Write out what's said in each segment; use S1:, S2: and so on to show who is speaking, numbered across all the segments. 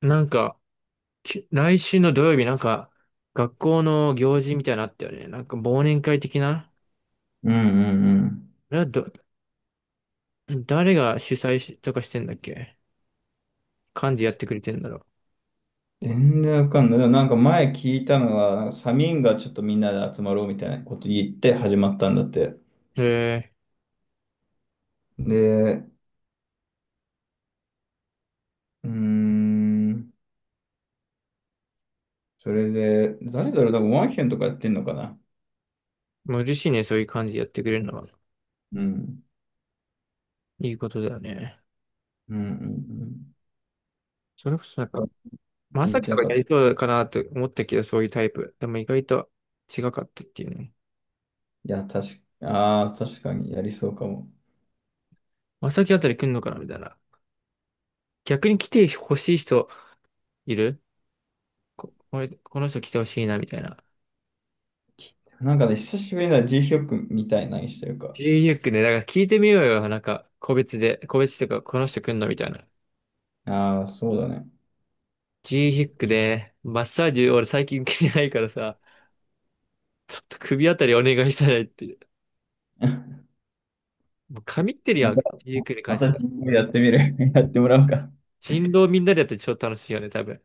S1: なんか、来週の土曜日、なんか、学校の行事みたいなのあったよね。なんか、忘年会的な。
S2: うんうんうん。
S1: あれはど、誰が主催しとかしてんだっけ？幹事やってくれてんだろ
S2: 全然わかんない。でもなんか前聞いたのは、サミンがちょっとみんなで集まろうみたいなこと言って始まったんだって。
S1: う。
S2: で、うーん、それで、誰だろう、なんかワンヒェンとかやってんのかな。
S1: もう嬉しいね、そういう幹事やってくれるのは。
S2: うん。
S1: いいことだよね。
S2: うんうんうん。
S1: それこそな
S2: そ
S1: んか、
S2: こは
S1: ま
S2: 聞
S1: さ
S2: い
S1: き
S2: て
S1: と
S2: な
S1: か
S2: かっ
S1: や
S2: た。
S1: りそうかなと思ったけど、そういうタイプ。でも意外と違かったっていうね。
S2: いや、確か、確かにやりそうかも。
S1: まさきあたり来んのかなみたいな。逆に来てほしい人いる？これこの人来てほしいな、みたいな。
S2: きなんかね、久しぶりだ、G ヒョクみたいなにしてるか。
S1: g ヒックね、だから聞いてみようよ。なんか、個別で、個別とか、この人来んのみたいな。
S2: ああ、そうだね。
S1: g ヒックで、マッサージ俺最近受けてないからさ、ちょっと首あたりお願いしたいって。もう神ってる
S2: ま
S1: やん、
S2: た、
S1: g ヒックに
S2: ま
S1: 関し
S2: た
S1: ては。
S2: G ヒョクやってみる。やってもらおうか。
S1: 人狼みんなでやって超楽しいよね、多分。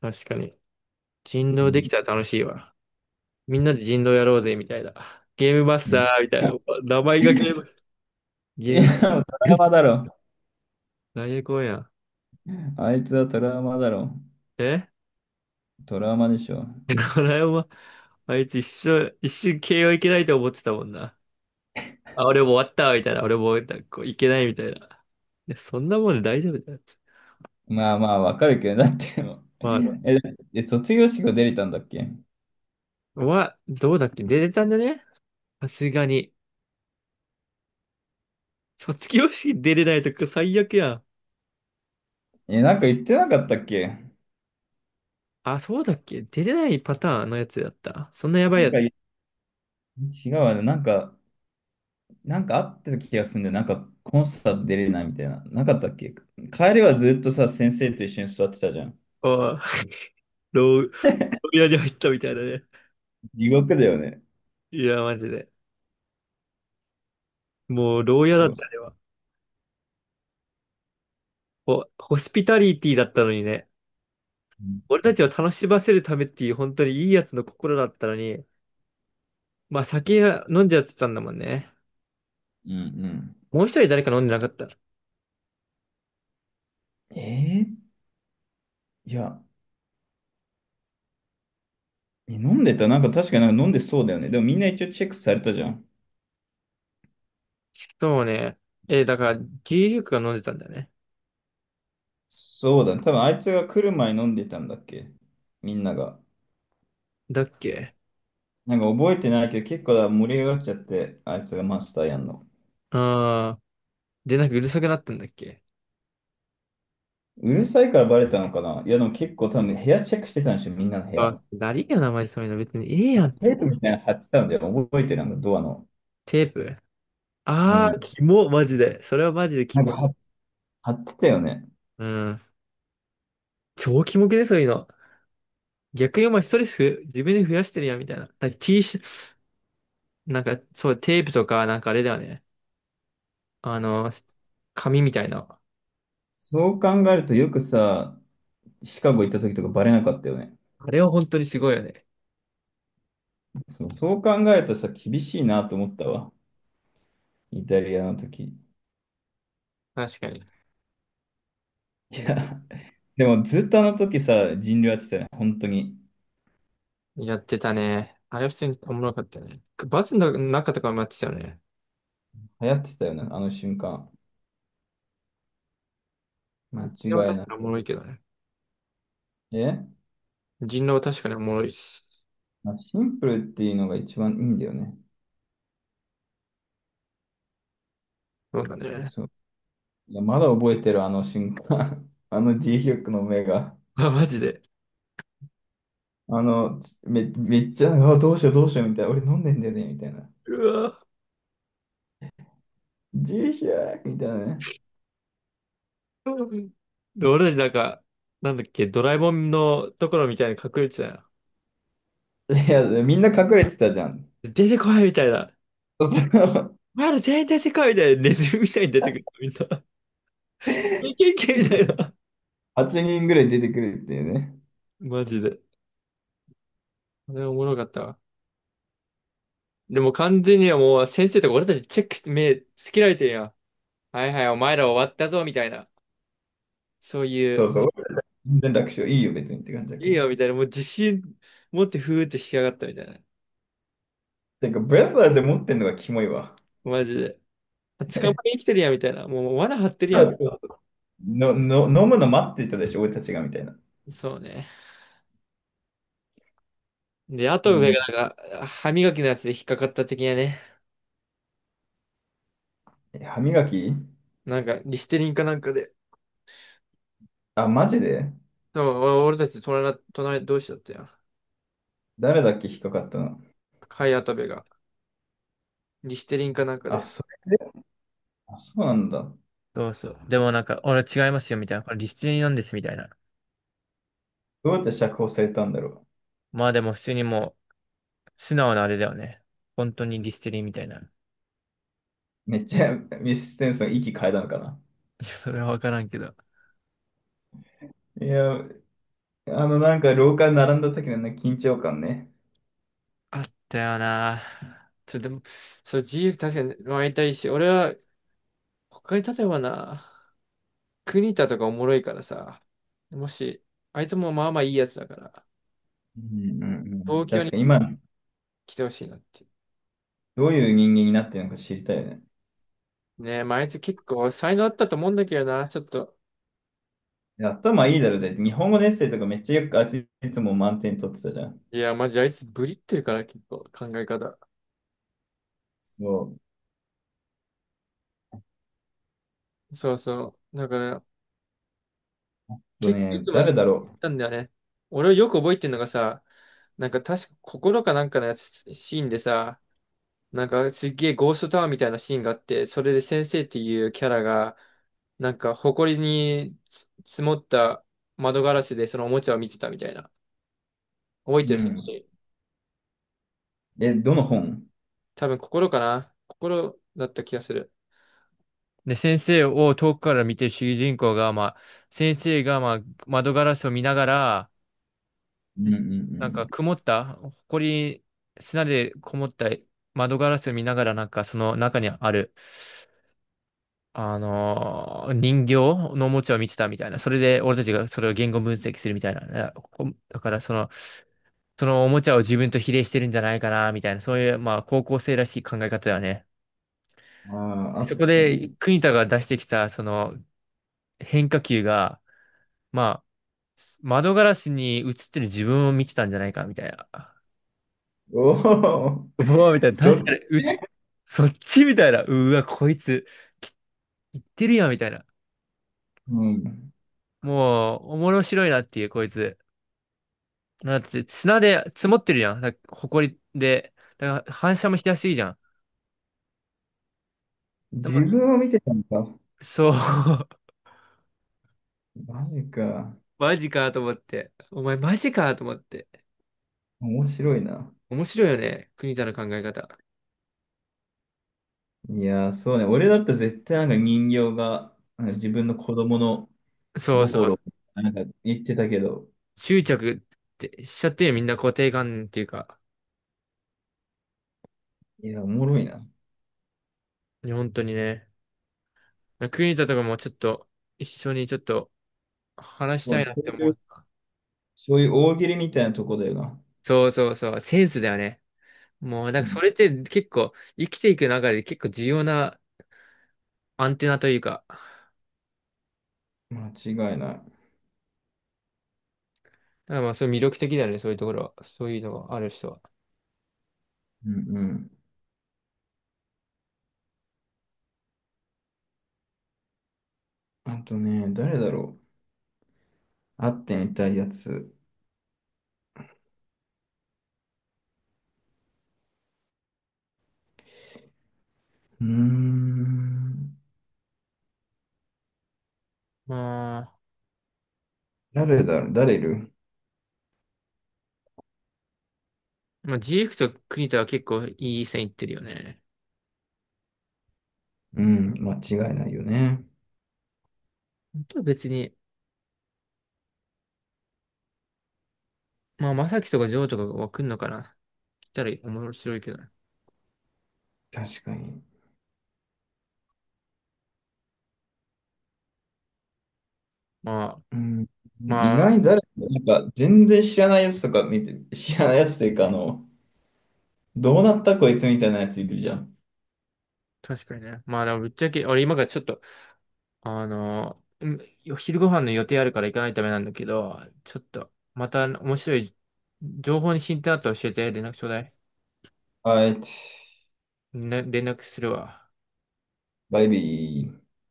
S1: 確かに。人
S2: う
S1: 狼でき
S2: ん。
S1: たら楽しいわ。みんなで人狼やろうぜ、みたいな。ゲームマスターみたいな。名前がゲーム、
S2: いや、
S1: ゲーム、
S2: もうトラウマだろ。
S1: 何やこんやん。
S2: あいつはトラウマだろ。
S1: え
S2: トラウマでしょ。
S1: ライオンは あいつ一瞬 いけないと思ってたもんな。あ、俺も終わったわみたいな。俺もなんいけないみたいな。いや、そんなもんで大丈夫だよ。
S2: まあまあ、わかるけど、だってもう、
S1: まあね。
S2: え、卒業式が出れたんだっけ？
S1: まあ、どうだっけ？出れたんだね、さすがに。卒業式出れないとか最悪やん。
S2: え、なんか言ってなかったっけ？
S1: あ、そうだっけ？出れないパターンのやつだった。そんなやばい
S2: なん
S1: や
S2: か
S1: つ。
S2: 違うわね。なんか、なんかあってた気がするんだよ。なんかコンサート出れないみたいな。なかったっけ？帰りはずっとさ、先生と一緒に座ってたじゃん。
S1: ああ、牢屋に入ったみたいだね。
S2: 地獄だよね。
S1: いや、マジで。もう、牢屋だっ
S2: そ
S1: た
S2: う。
S1: ね。あれはホホスピタリティだったのにね。
S2: うん
S1: 俺たちを楽しませるためっていう本当にいいやつの心だったのに。まあ、酒は飲んじゃってたんだもんね。
S2: うんう
S1: もう一人誰か飲んでなかった？
S2: ん。いや、え飲んでた。なんか確かなんか飲んでそうだよね。でもみんな一応チェックされたじゃん。
S1: そうね。え、だから、牛乳が飲んでたんだよね。
S2: そうだね。多分あいつが来る前に飲んでたんだっけ？みんなが。
S1: だっけ？
S2: なんか覚えてないけど結構だ盛り上がっちゃって、あいつがマスターやんの。
S1: ああー。で、なんかうるさくなったんだっけ？
S2: うるさいからバレたのかな。いやでも結構多分部屋チェックしてたんでしょ、みんなの部
S1: あ、
S2: 屋。
S1: 誰が名前そういうの別にええやんっ
S2: テー
S1: て。
S2: プみたいなの貼ってたんじゃん。覚えてるなんかドアの。
S1: テープ。
S2: う
S1: ああー、
S2: ん。
S1: キモ、マジで。それはマジでキ
S2: なん
S1: モい。
S2: か貼貼ってたよね。
S1: うん。超キモくね？そういうの。逆にお前ストレスふ自分で増やしてるやん、みたいな。T シャツ、なんか、そう、テープとか、なんかあれだよね。あの、紙みたいな。
S2: そう考えるとよくさ、シカゴ行った時とかバレなかったよね。
S1: あれは本当にすごいよね。
S2: そう、そう考えるとさ、厳しいなと思ったわ。イタリアの時。い
S1: 確かに。
S2: や、でもずっとあの時さ、人流やってたよね、本当に。
S1: やってたね。あれは普通におもろかったよね。バスの中とかもやってたよね。
S2: 流行ってたよね、あの瞬間。
S1: 人
S2: 間
S1: 狼は
S2: 違い
S1: 確
S2: な
S1: かにおも
S2: く。
S1: ろいけどね。
S2: え、
S1: 人狼は確かにおもろいし。
S2: まあ、シンプルっていうのが一番いいんだよね。
S1: そうだね。
S2: そう。いや、まだ覚えてる、あの瞬間。あの G ヒョクの目が。
S1: あ、マジで。
S2: めっちゃ、あ、どうしよう、どうしよう、みたいな。俺飲んでんだよね、みたいな。
S1: うわ。
S2: G ヒョクみたいなね。
S1: で、俺たちなんか、なんだっけ、ドラえもんのところみたいに隠れてたよ。
S2: いや、みんな隠れてたじゃん。
S1: 出てこいみたいな。
S2: そう、
S1: お前ら全員出てこいみたいな。ネズミみたいに出てくる。みんな。いけいけみたいな。
S2: 8人ぐらい出てくるっていうね。
S1: マジで。あれおもろかったわ。でも完全にはもう先生とか俺たちチェックして目つけられてるやん。はいはい、お前ら終わったぞみたいな。そうい
S2: そ
S1: う、
S2: うそう。全然楽勝いいよ、別にって感じだけ
S1: いい
S2: ど。
S1: よみたいな、もう自信持ってふーって引き上がったみたいな。
S2: てか、ブレスラーで持ってんのがキモいわ。
S1: マジで。捕まえに来てるやんみたいな。もう罠張ってる
S2: そ
S1: やん。
S2: う、飲むの待ってたでしょ、俺たちが、みたいな。
S1: そうね。で、あと上
S2: ね、
S1: がなんか、歯磨きのやつで引っかかった的なね。
S2: え歯磨き。
S1: なんか、リステリンかなんかで。
S2: あ、マジで。
S1: でも、俺たち隣同士だったやん。
S2: 誰だっけ引っかかったの？
S1: 貝跡部が。リステリンかなんか
S2: あ、
S1: で。
S2: それで、あ、そうなんだ。
S1: そうそう。でもなんか、俺違いますよ、みたいな。これリステリンなんです、みたいな。
S2: どうやって釈放されたんだろ
S1: まあでも普通にもう、素直なあれだよね。本当にリステリンみたいな。い
S2: う。めっちゃ ミス・ステンソン息変えたのかな。
S1: や、それはわからんけど。
S2: いや、あの、なんか廊下に並んだ時のね、緊張感ね。
S1: あったよな。それでも、そう、自由確かに会いたいし、俺は、他に例えばな、国田とかおもろいからさ、もし、あいつもまあまあいいやつだから、
S2: うんうんうん。
S1: 東京
S2: 確
S1: に
S2: かに今、
S1: 来てほしいなって。
S2: どういう人間になってるのか知りたいよね。
S1: ねえ、まあ、あいつ結構才能あったと思うんだけどな、ちょっと。
S2: いや頭いいだろ、じゃあ日本語のエッセイとかめっちゃよくあいついつも満点取ってたじゃん。
S1: いや、マジあいつブリってるから、結構考え方。
S2: そ
S1: そうそう。だから、
S2: う。あと
S1: 結構い
S2: ね、
S1: つも言っ
S2: 誰だろ
S1: たんだよね。俺をよく覚えてるのがさ、なんか確か心かなんかのやつシーンでさ、なんかすっげえゴーストタワーみたいなシーンがあって、それで先生っていうキャラが、なんか埃に積もった窓ガラスでそのおもちゃを見てたみたいな。覚え
S2: う。
S1: て
S2: う
S1: る？
S2: ん。え、どの本？
S1: 多分心かな。心だった気がする。で、先生を遠くから見てる主人公が、まあ、先生が、まあ、窓ガラスを見ながら、
S2: うん
S1: ん
S2: う
S1: なんか
S2: ん
S1: 曇った、埃、砂でこもった窓ガラスを見ながら、なんかその中にある人形のおもちゃを見てたみたいな。それで俺たちがそれを言語分析するみたいなね。だからその、おもちゃを自分と比例してるんじゃないかな、みたいな。そういう、まあ、高校生らしい考え方だよね。
S2: うん。ああ、あ
S1: そこ
S2: った
S1: で、
S2: ね。
S1: 国田が出してきた、その変化球が、まあ、窓ガラスに映ってる自分を見てたんじゃないか、みたいな。
S2: おお、
S1: うわ、みたいな。確
S2: そ、
S1: かにそっちみたいな。うわ、こいつ、き言ってるやん、みたいな。
S2: うん。
S1: もう、面白いなっていう、こいつ。だって砂で積もってるじゃん。埃で。だから反射もしやすいじゃん。でも
S2: 自分を見てたのか。
S1: そう。
S2: マジか。
S1: マジかと思って。お前マジかと思って。
S2: 面白いな。
S1: 面白いよね。国田の考え方。
S2: いやー、そうね。俺だったら絶対なんか人形が、なんか自分の子供の
S1: そうそ
S2: 心を
S1: う。
S2: なんか言ってたけど、
S1: 執着ってしちゃってるよ、みんな固定観念っていうか。
S2: いや、おもろいな。
S1: いや本当にね。国田とかもちょっと一緒にちょっと話し
S2: も
S1: た
S2: う
S1: いなっ
S2: そ
S1: て
S2: うい
S1: 思
S2: う、
S1: った。
S2: そういう大喜利みたいなとこだよな。
S1: そうそうそう。センスだよね。もう、だ
S2: う
S1: からそ
S2: ん、
S1: れって結構生きていく中で結構重要なアンテナというか、
S2: 間違いない。
S1: だからまあ、そういう魅力的だよね、そういうところは。そういうのがある人は。
S2: うんうん。あとね、誰だろう。会ってみたいやつ。うーん。
S1: ま
S2: 誰だろう、誰いる？
S1: あ、ジークと栗田は結構いい線いってるよね。
S2: うん、間違いないよね。
S1: 本当は別に、まあ、まさきとかジョーとかが来んのかな。来たら面白いけどね。
S2: 確かに。
S1: まあ、
S2: うん、意
S1: ま
S2: 外
S1: あ、
S2: に誰か、なんか全然知らないやつとか見て、知らないやつというか、あの、どうなったこいつみたいなやついるじゃん。
S1: 確かにね。まあ、でもぶっちゃけ、俺今からちょっと、あのー、う昼ご飯の予定あるから行かないためなんだけど、ちょっと、また面白い情報に進展あったら教えて、連絡ちょうだい。
S2: はい、
S1: ね、連絡するわ。
S2: バイビー。